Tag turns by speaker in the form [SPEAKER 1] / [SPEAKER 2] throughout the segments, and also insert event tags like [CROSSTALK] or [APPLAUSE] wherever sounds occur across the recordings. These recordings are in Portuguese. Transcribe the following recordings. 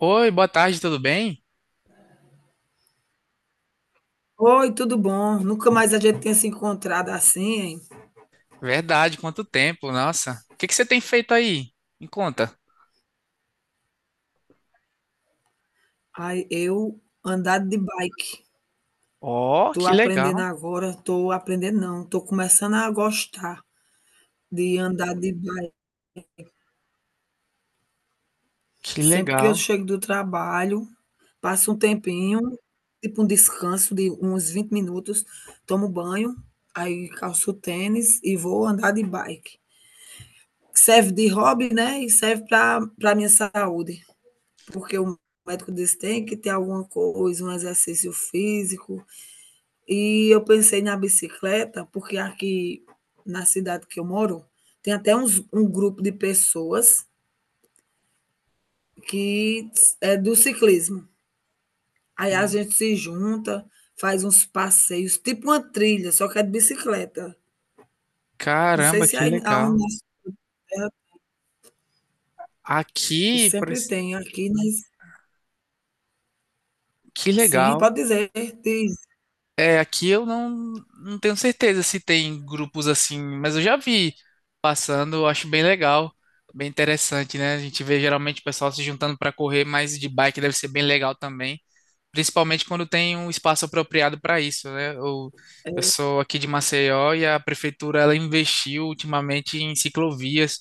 [SPEAKER 1] Oi, boa tarde, tudo bem?
[SPEAKER 2] Oi, tudo bom? Nunca mais a gente tinha se encontrado assim, hein?
[SPEAKER 1] Verdade, quanto tempo, nossa. O que que você tem feito aí? Me conta.
[SPEAKER 2] Ai, eu andar de bike.
[SPEAKER 1] Oh,
[SPEAKER 2] Tô
[SPEAKER 1] que
[SPEAKER 2] aprendendo
[SPEAKER 1] legal,
[SPEAKER 2] agora, tô aprendendo não, tô começando a gostar de andar de bike.
[SPEAKER 1] que
[SPEAKER 2] Sempre que eu
[SPEAKER 1] legal.
[SPEAKER 2] chego do trabalho, passo um tempinho, tipo um descanso de uns 20 minutos, tomo banho, aí calço o tênis e vou andar de bike. Serve de hobby, né, e serve para minha saúde. Porque o médico disse que tem que ter alguma coisa, um exercício físico. E eu pensei na bicicleta, porque aqui na cidade que eu moro, tem até um grupo de pessoas que é do ciclismo. Aí a gente se junta, faz uns passeios, tipo uma trilha, só que é de bicicleta. Não sei
[SPEAKER 1] Caramba,
[SPEAKER 2] se
[SPEAKER 1] que
[SPEAKER 2] aí aonde
[SPEAKER 1] legal.
[SPEAKER 2] na terra
[SPEAKER 1] Aqui, por
[SPEAKER 2] sempre
[SPEAKER 1] esse-
[SPEAKER 2] tem aqui, mas
[SPEAKER 1] que
[SPEAKER 2] sim,
[SPEAKER 1] legal.
[SPEAKER 2] pode dizer, diz.
[SPEAKER 1] É, aqui eu não tenho certeza se tem grupos assim, mas eu já vi passando, eu acho bem legal, bem interessante, né? A gente vê geralmente o pessoal se juntando para correr, mas de bike deve ser bem legal também, principalmente quando tem um espaço apropriado para isso, né? Eu sou aqui de Maceió e a prefeitura ela investiu ultimamente em ciclovias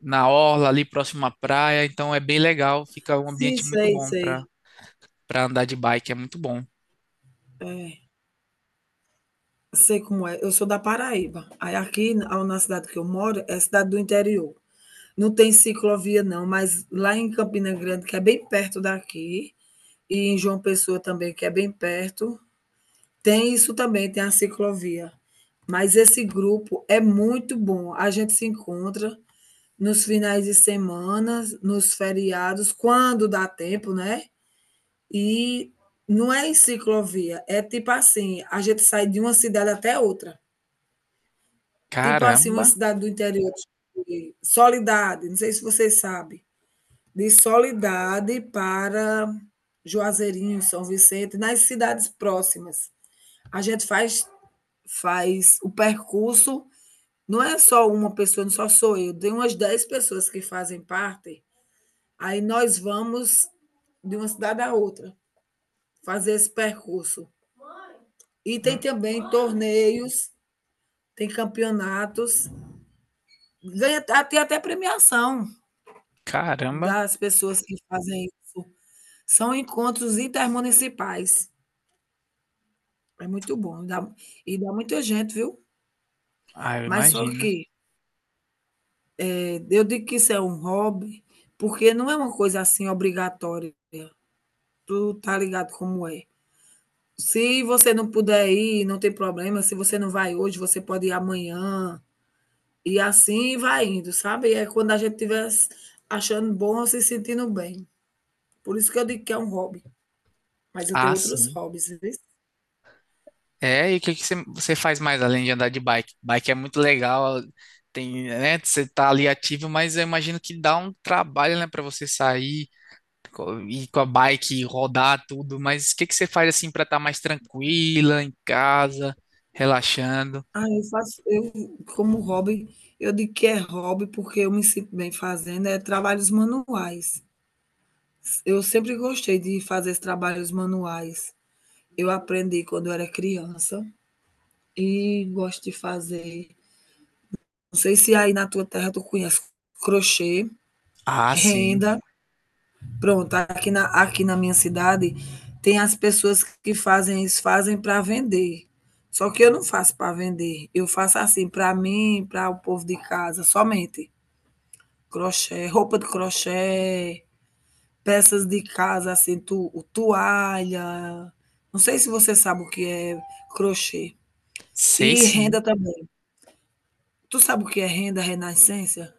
[SPEAKER 1] na orla ali próximo à praia, então é bem legal, fica um
[SPEAKER 2] Sim,
[SPEAKER 1] ambiente muito
[SPEAKER 2] sei,
[SPEAKER 1] bom para
[SPEAKER 2] sei.
[SPEAKER 1] para andar de bike, é muito bom.
[SPEAKER 2] É. Sei como é, eu sou da Paraíba. Aí aqui na cidade que eu moro é cidade do interior. Não tem ciclovia não, mas lá em Campina Grande, que é bem perto daqui, e em João Pessoa também, que é bem perto, tem isso também, tem a ciclovia. Mas esse grupo é muito bom, a gente se encontra nos finais de semanas, nos feriados, quando dá tempo, né, e não é em ciclovia, é tipo assim, a gente sai de uma cidade até outra. Tipo assim,
[SPEAKER 1] Caramba,
[SPEAKER 2] uma cidade do interior de Soledade, não sei se você sabe, de Soledade para Juazeirinho, São Vicente, nas cidades próximas. A gente faz o percurso, não é só uma pessoa, não só sou eu, tem umas 10 pessoas que fazem parte, aí nós vamos de uma cidade à outra, fazer esse percurso. E tem
[SPEAKER 1] hum,
[SPEAKER 2] também torneios, tem campeonatos, ganha a tem até premiação.
[SPEAKER 1] caramba.
[SPEAKER 2] Das pessoas que fazem isso. São encontros intermunicipais. É muito bom, dá muita gente, viu.
[SPEAKER 1] Ah, eu
[SPEAKER 2] Mas só
[SPEAKER 1] imagino.
[SPEAKER 2] que, eu digo que isso é um hobby, porque não é uma coisa, assim, obrigatória. Tu tá ligado como é. Se você não puder ir, não tem problema, se você não vai hoje, você pode ir amanhã, e assim vai indo, sabe. É quando a gente estiver achando bom, se sentindo bem. Por isso que eu digo que é um hobby, mas eu tenho
[SPEAKER 1] Ah,
[SPEAKER 2] outros
[SPEAKER 1] sim.
[SPEAKER 2] hobbies, viu.
[SPEAKER 1] É, e o que que você faz mais além de andar de bike? Bike é muito legal, tem, né, você tá ali ativo, mas eu imagino que dá um trabalho, né, para você sair, co- ir com a bike, rodar tudo, mas o que que você faz assim para estar mais tranquila em casa, relaxando?
[SPEAKER 2] Ah, eu faço eu como hobby, eu digo que é hobby, porque eu me sinto bem fazendo, é trabalhos manuais. Eu sempre gostei de fazer esses trabalhos manuais. Eu aprendi quando eu era criança e gosto de fazer. Não sei se aí na tua terra tu conhece crochê,
[SPEAKER 1] Ah, sim.
[SPEAKER 2] renda. Pronto, aqui na minha cidade tem as pessoas que fazem isso, fazem para vender. Só que eu não faço para vender, eu faço assim, para mim, para o povo de casa, somente. Crochê, roupa de crochê, peças de casa, assim, tu toalha, não sei se você sabe o que é crochê.
[SPEAKER 1] Sei
[SPEAKER 2] E
[SPEAKER 1] sim.
[SPEAKER 2] renda também. Tu sabe o que é renda renascença?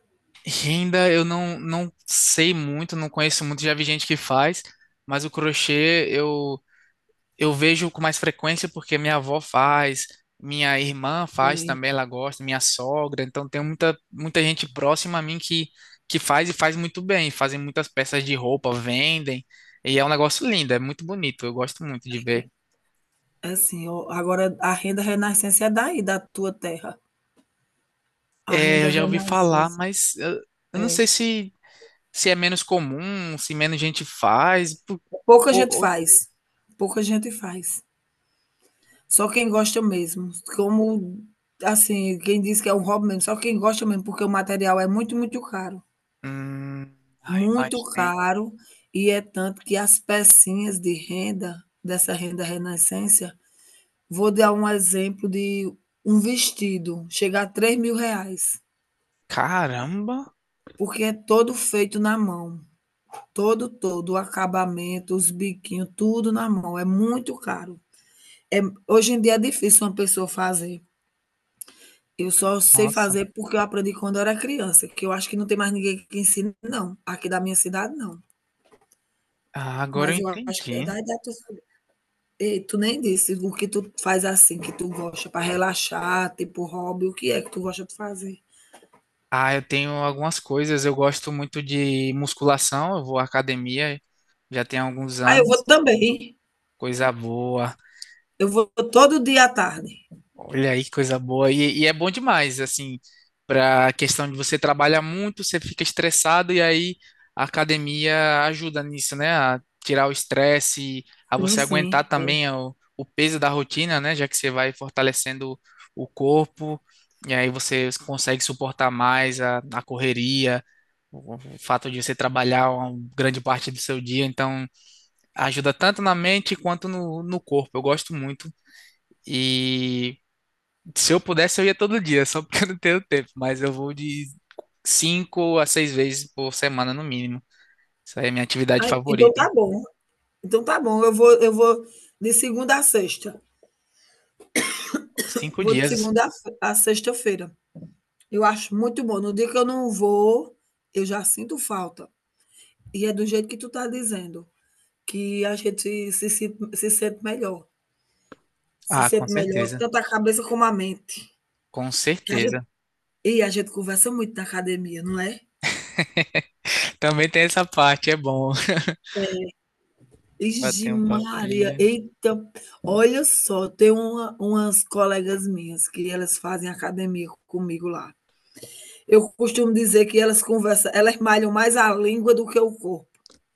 [SPEAKER 1] Renda eu não sei muito, não conheço muito, já vi gente que faz, mas o crochê eu vejo com mais frequência porque minha avó faz, minha irmã faz
[SPEAKER 2] Sim,
[SPEAKER 1] também, ela gosta, minha sogra, então tem muita gente próxima a mim que faz e faz muito bem, fazem muitas peças de roupa, vendem, e é um negócio lindo, é muito bonito, eu gosto muito de ver.
[SPEAKER 2] é assim, o agora a renda renascença é daí, da tua terra. A
[SPEAKER 1] É,
[SPEAKER 2] renda
[SPEAKER 1] eu já ouvi falar,
[SPEAKER 2] renascença,
[SPEAKER 1] eu não
[SPEAKER 2] é.
[SPEAKER 1] sei se, se é menos comum, se menos gente faz, pu-
[SPEAKER 2] Pouca gente
[SPEAKER 1] ou...
[SPEAKER 2] faz, pouca gente faz. Só quem gosta mesmo, como assim, quem diz que é um hobby mesmo, só quem gosta mesmo, porque o material é muito, muito caro.
[SPEAKER 1] Hum, ai,
[SPEAKER 2] Muito
[SPEAKER 1] imaginei.
[SPEAKER 2] caro, e é tanto que as pecinhas de renda, dessa renda renascência, vou dar um exemplo de um vestido, chega a 3.000 reais,
[SPEAKER 1] Caramba,
[SPEAKER 2] porque é todo feito na mão, todo, todo, o acabamento, os biquinhos, tudo na mão, é muito caro. É, hoje em dia é difícil uma pessoa fazer, eu só sei
[SPEAKER 1] nossa,
[SPEAKER 2] fazer porque eu aprendi quando eu era criança, que eu acho que não tem mais ninguém que ensine não, aqui da minha cidade não,
[SPEAKER 1] ah, agora eu
[SPEAKER 2] mas eu acho que é da
[SPEAKER 1] entendi.
[SPEAKER 2] idade da tua. E tu nem disse o que tu faz assim, que tu gosta para relaxar, tipo hobby, o que é que tu gosta de fazer?
[SPEAKER 1] Ah, eu tenho algumas coisas. Eu gosto muito de musculação. Eu vou à academia já tem alguns
[SPEAKER 2] Ah, eu
[SPEAKER 1] anos.
[SPEAKER 2] vou também.
[SPEAKER 1] Coisa boa.
[SPEAKER 2] Eu vou todo dia à tarde.
[SPEAKER 1] Olha aí que coisa boa. E é bom demais, assim, para a questão de você trabalhar muito, você fica estressado e aí a academia ajuda nisso, né? A tirar o estresse, a
[SPEAKER 2] Sim,
[SPEAKER 1] você
[SPEAKER 2] sim.
[SPEAKER 1] aguentar
[SPEAKER 2] É.
[SPEAKER 1] também o peso da rotina, né? Já que você vai fortalecendo o corpo e aí você consegue suportar mais a correria, o fato de você trabalhar uma grande parte do seu dia. Então, ajuda tanto na mente quanto no corpo. Eu gosto muito. E. Se eu pudesse, eu ia todo dia, só porque eu não tenho tempo, mas eu vou de cinco a seis vezes por semana no mínimo. Isso aí é minha atividade
[SPEAKER 2] Ah, então tá
[SPEAKER 1] favorita.
[SPEAKER 2] bom. Então tá bom. Eu vou de segunda a sexta.
[SPEAKER 1] Cinco
[SPEAKER 2] Vou de
[SPEAKER 1] dias.
[SPEAKER 2] segunda a sexta-feira. Eu acho muito bom. No dia que eu não vou, eu já sinto falta. E é do jeito que tu tá dizendo, que a gente se sente melhor. Se
[SPEAKER 1] Ah, com
[SPEAKER 2] sente melhor,
[SPEAKER 1] certeza.
[SPEAKER 2] tanto a cabeça como a mente.
[SPEAKER 1] Com
[SPEAKER 2] Que a
[SPEAKER 1] certeza.
[SPEAKER 2] E a gente conversa muito na academia, não é?
[SPEAKER 1] [LAUGHS] Também tem essa parte, é bom. [LAUGHS] Bater
[SPEAKER 2] Ixi
[SPEAKER 1] um
[SPEAKER 2] Maria,
[SPEAKER 1] papinho.
[SPEAKER 2] eita, olha só, tem umas colegas minhas que elas fazem academia comigo lá. Eu costumo dizer que elas conversam, elas malham mais a língua do que o corpo,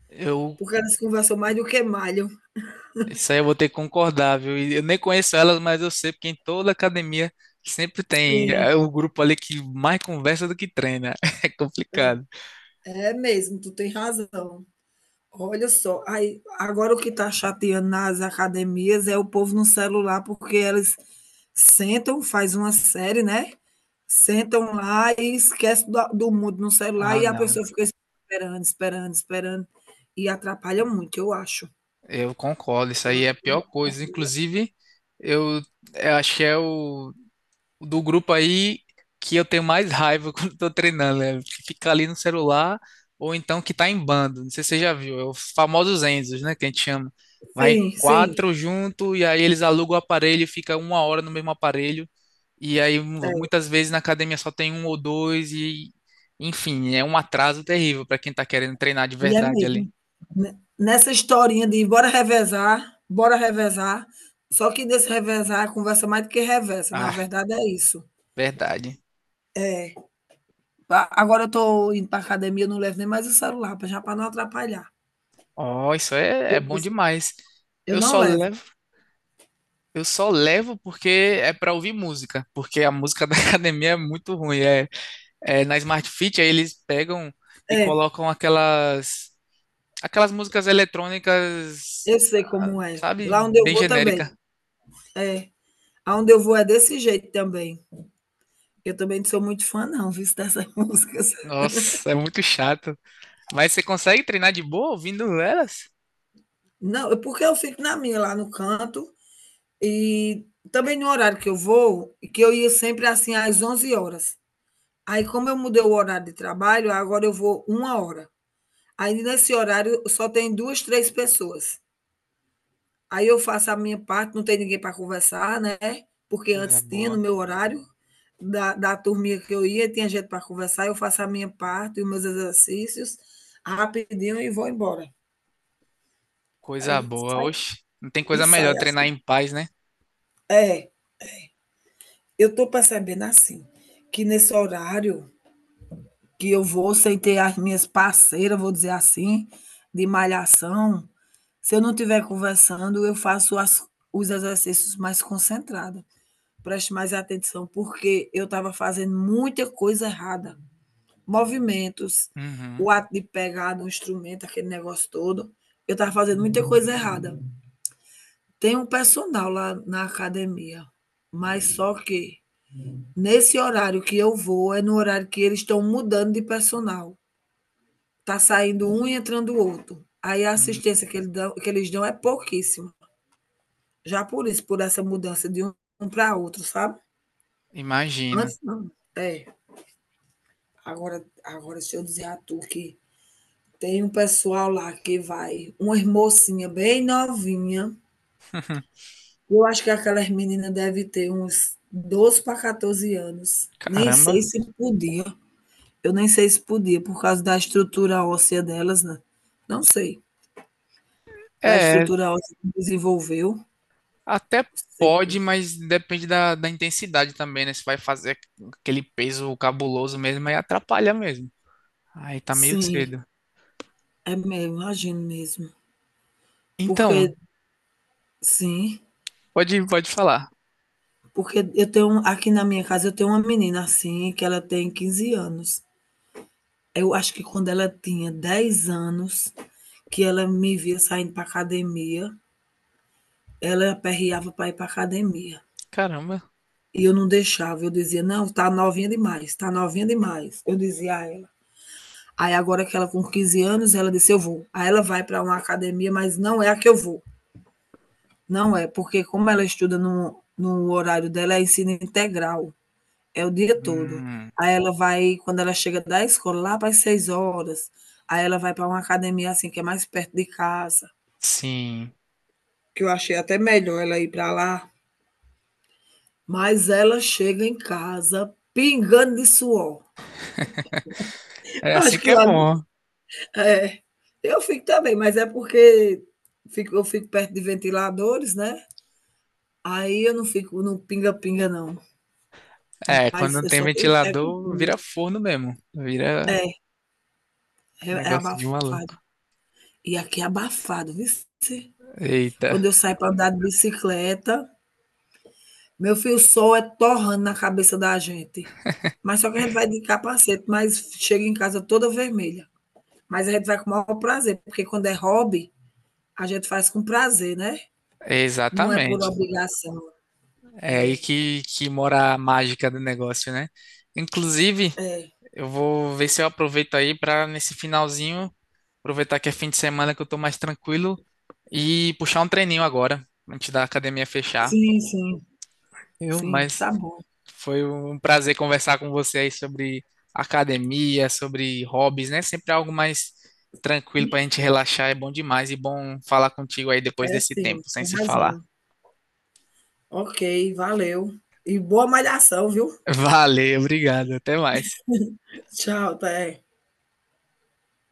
[SPEAKER 1] Eu,
[SPEAKER 2] porque elas conversam mais do que malham.
[SPEAKER 1] isso aí eu vou ter que concordar, viu? E eu nem conheço elas, mas eu sei, porque em toda academia sempre tem é,
[SPEAKER 2] Sim,
[SPEAKER 1] o grupo ali que mais conversa do que treina. [LAUGHS] É complicado.
[SPEAKER 2] é mesmo, tu tem razão. Olha só, aí agora o que está chateando nas academias é o povo no celular, porque eles sentam, faz uma série, né, sentam lá e esquece da do mundo no celular
[SPEAKER 1] Ah,
[SPEAKER 2] e a
[SPEAKER 1] não.
[SPEAKER 2] pessoa fica esperando, esperando, esperando e atrapalha muito, eu acho.
[SPEAKER 1] Eu concordo, isso
[SPEAKER 2] Eu
[SPEAKER 1] aí é
[SPEAKER 2] acho
[SPEAKER 1] a
[SPEAKER 2] que
[SPEAKER 1] pior coisa.
[SPEAKER 2] atrapalha.
[SPEAKER 1] Inclusive, eu, eu acho que é o do grupo aí que eu tenho mais raiva [LAUGHS] quando estou treinando, né? Que fica ali no celular ou então que tá em bando. Não sei se você já viu, é os famosos Enzos, né? Que a gente chama. Vai
[SPEAKER 2] Sim, sim,
[SPEAKER 1] quatro junto e aí eles alugam o aparelho, e fica uma hora no mesmo aparelho. E aí mu-
[SPEAKER 2] é,
[SPEAKER 1] muitas vezes na academia só tem um ou dois e, enfim, é um atraso terrível para quem tá querendo treinar de
[SPEAKER 2] e é
[SPEAKER 1] verdade ali.
[SPEAKER 2] mesmo. Ne Nessa historinha de bora revezar, só que desse revezar é conversa mais do que reveza, na
[SPEAKER 1] Ah,
[SPEAKER 2] verdade é isso.
[SPEAKER 1] verdade.
[SPEAKER 2] É. A agora eu tô indo para academia, eu não levo nem mais o celular, pra já para não atrapalhar.
[SPEAKER 1] Ó, isso é, é
[SPEAKER 2] Eu
[SPEAKER 1] bom demais.
[SPEAKER 2] eu
[SPEAKER 1] Eu
[SPEAKER 2] não
[SPEAKER 1] só
[SPEAKER 2] levo.
[SPEAKER 1] levo, eu só levo porque é para ouvir música, porque a música [LAUGHS] da academia é muito ruim. É, é na Smart Fit, aí eles pegam e
[SPEAKER 2] É,
[SPEAKER 1] colocam aquelas músicas eletrônicas,
[SPEAKER 2] eu sei
[SPEAKER 1] ah,
[SPEAKER 2] como é.
[SPEAKER 1] sabe,
[SPEAKER 2] Lá onde eu
[SPEAKER 1] bem
[SPEAKER 2] vou também.
[SPEAKER 1] genérica.
[SPEAKER 2] É, aonde eu vou é desse jeito também. Eu também não sou muito fã não, viu, dessas [LAUGHS] músicas.
[SPEAKER 1] Nossa, é muito chato. Mas você consegue treinar de boa ouvindo elas?
[SPEAKER 2] Não, é porque eu fico na minha, lá no canto, e também no horário que eu vou, e que eu ia sempre, assim, às 11 horas. Aí como eu mudei o horário de trabalho, agora eu vou 1 hora. Aí nesse horário só tem 2 3 pessoas. Aí eu faço a minha parte, não tem ninguém para conversar, né, porque
[SPEAKER 1] Coisa
[SPEAKER 2] antes tinha no
[SPEAKER 1] boa,
[SPEAKER 2] meu horário da turminha que eu ia, tinha gente para conversar, eu faço a minha parte e os meus exercícios rapidinho e vou embora. Aí
[SPEAKER 1] coisa boa.
[SPEAKER 2] sai
[SPEAKER 1] Oxe, não tem
[SPEAKER 2] e
[SPEAKER 1] coisa melhor
[SPEAKER 2] sai
[SPEAKER 1] treinar
[SPEAKER 2] assim.
[SPEAKER 1] em paz, né?
[SPEAKER 2] É, eu estou percebendo assim, que nesse horário que eu vou sem ter as minhas parceiras, vou dizer assim, de malhação, se eu não estiver conversando, eu faço as os exercícios mais concentrada. Preste mais atenção, porque eu estava fazendo muita coisa errada. Movimentos,
[SPEAKER 1] Uhum.
[SPEAKER 2] o ato de pegar no instrumento, aquele negócio todo. Eu estava fazendo muita coisa errada. Tem um personal lá na academia, mas só que nesse horário que eu vou é no horário que eles estão mudando de personal. Tá saindo um e entrando o outro. Aí a
[SPEAKER 1] Hum,
[SPEAKER 2] assistência que eles dão é pouquíssima. Já por isso, por essa mudança de um para outro, sabe?
[SPEAKER 1] imagina.
[SPEAKER 2] Antes não. É. Agora, agora deixa eu dizer a tu que tem um pessoal lá que vai, uma mocinha bem novinha.
[SPEAKER 1] [LAUGHS]
[SPEAKER 2] Eu acho que aquelas meninas devem ter uns 12 para 14 anos. Nem sei
[SPEAKER 1] Caramba.
[SPEAKER 2] se podia. Eu nem sei se podia, por causa da estrutura óssea delas, né? Não sei. Da
[SPEAKER 1] É,
[SPEAKER 2] estrutura óssea que desenvolveu.
[SPEAKER 1] até
[SPEAKER 2] Sei.
[SPEAKER 1] pode, mas depende da intensidade também, né? Se vai fazer aquele peso cabuloso mesmo, aí atrapalha mesmo. Aí tá meio
[SPEAKER 2] Sim,
[SPEAKER 1] cedo.
[SPEAKER 2] é mesmo, imagino mesmo. Porque,
[SPEAKER 1] Então,
[SPEAKER 2] sim,
[SPEAKER 1] pode, pode falar.
[SPEAKER 2] porque eu tenho aqui na minha casa eu tenho uma menina assim, que ela tem 15 anos. Eu acho que quando ela tinha 10 anos, que ela me via saindo para academia, ela aperreava para ir para academia.
[SPEAKER 1] Caramba.
[SPEAKER 2] E eu não deixava, eu dizia, não, tá novinha demais, tá novinha demais. Eu dizia a ela. Aí agora que ela com 15 anos, ela disse, eu vou. Aí ela vai para uma academia, mas não é a que eu vou. Não é, porque como ela estuda no horário dela, é ensino integral. É o dia todo.
[SPEAKER 1] Hum,
[SPEAKER 2] Aí ela vai quando ela chega da escola, lá para as 18h, aí ela vai para uma academia, assim, que é mais perto de casa,
[SPEAKER 1] sim.
[SPEAKER 2] que eu achei até melhor ela ir para lá, mas ela chega em casa pingando de suor.
[SPEAKER 1] É
[SPEAKER 2] Acho
[SPEAKER 1] assim que
[SPEAKER 2] que
[SPEAKER 1] é
[SPEAKER 2] lá
[SPEAKER 1] bom.
[SPEAKER 2] é, eu fico também, mas é porque fico perto de ventiladores, né, aí eu não fico no pinga-pinga não,
[SPEAKER 1] É, quando
[SPEAKER 2] mas
[SPEAKER 1] não
[SPEAKER 2] eu
[SPEAKER 1] tem
[SPEAKER 2] só tenho fé com
[SPEAKER 1] ventilador,
[SPEAKER 2] pinga.
[SPEAKER 1] vira forno mesmo. Vira
[SPEAKER 2] É, é
[SPEAKER 1] negócio de
[SPEAKER 2] abafado.
[SPEAKER 1] maluco.
[SPEAKER 2] E aqui é abafado, viu.
[SPEAKER 1] Eita.
[SPEAKER 2] Quando eu saio para andar de bicicleta, meu filho, o sol é torrando na cabeça da gente. Mas só que a gente vai de capacete, mas chega em casa toda vermelha. Mas a gente vai com o maior prazer, porque quando é hobby, a gente faz com prazer, né? Não é por
[SPEAKER 1] Exatamente.
[SPEAKER 2] obrigação.
[SPEAKER 1] É aí
[SPEAKER 2] É,
[SPEAKER 1] que mora a mágica do negócio, né? Inclusive,
[SPEAKER 2] é.
[SPEAKER 1] eu vou ver se eu aproveito aí para nesse finalzinho aproveitar que é fim de semana que eu tô mais tranquilo e puxar um treininho agora, antes da academia fechar,
[SPEAKER 2] Sim, sim,
[SPEAKER 1] eu
[SPEAKER 2] sim,
[SPEAKER 1] mas
[SPEAKER 2] tá bom.
[SPEAKER 1] foi um prazer conversar com você aí sobre academia, sobre hobbies, né? Sempre algo mais tranquilo pra gente relaxar, é bom demais e bom falar contigo aí
[SPEAKER 2] É
[SPEAKER 1] depois desse
[SPEAKER 2] sim,
[SPEAKER 1] tempo, sem
[SPEAKER 2] tem
[SPEAKER 1] se falar.
[SPEAKER 2] razão. Ok, valeu. E boa malhação, viu?
[SPEAKER 1] [LAUGHS] Valeu, obrigado, até mais.
[SPEAKER 2] Tchau, até.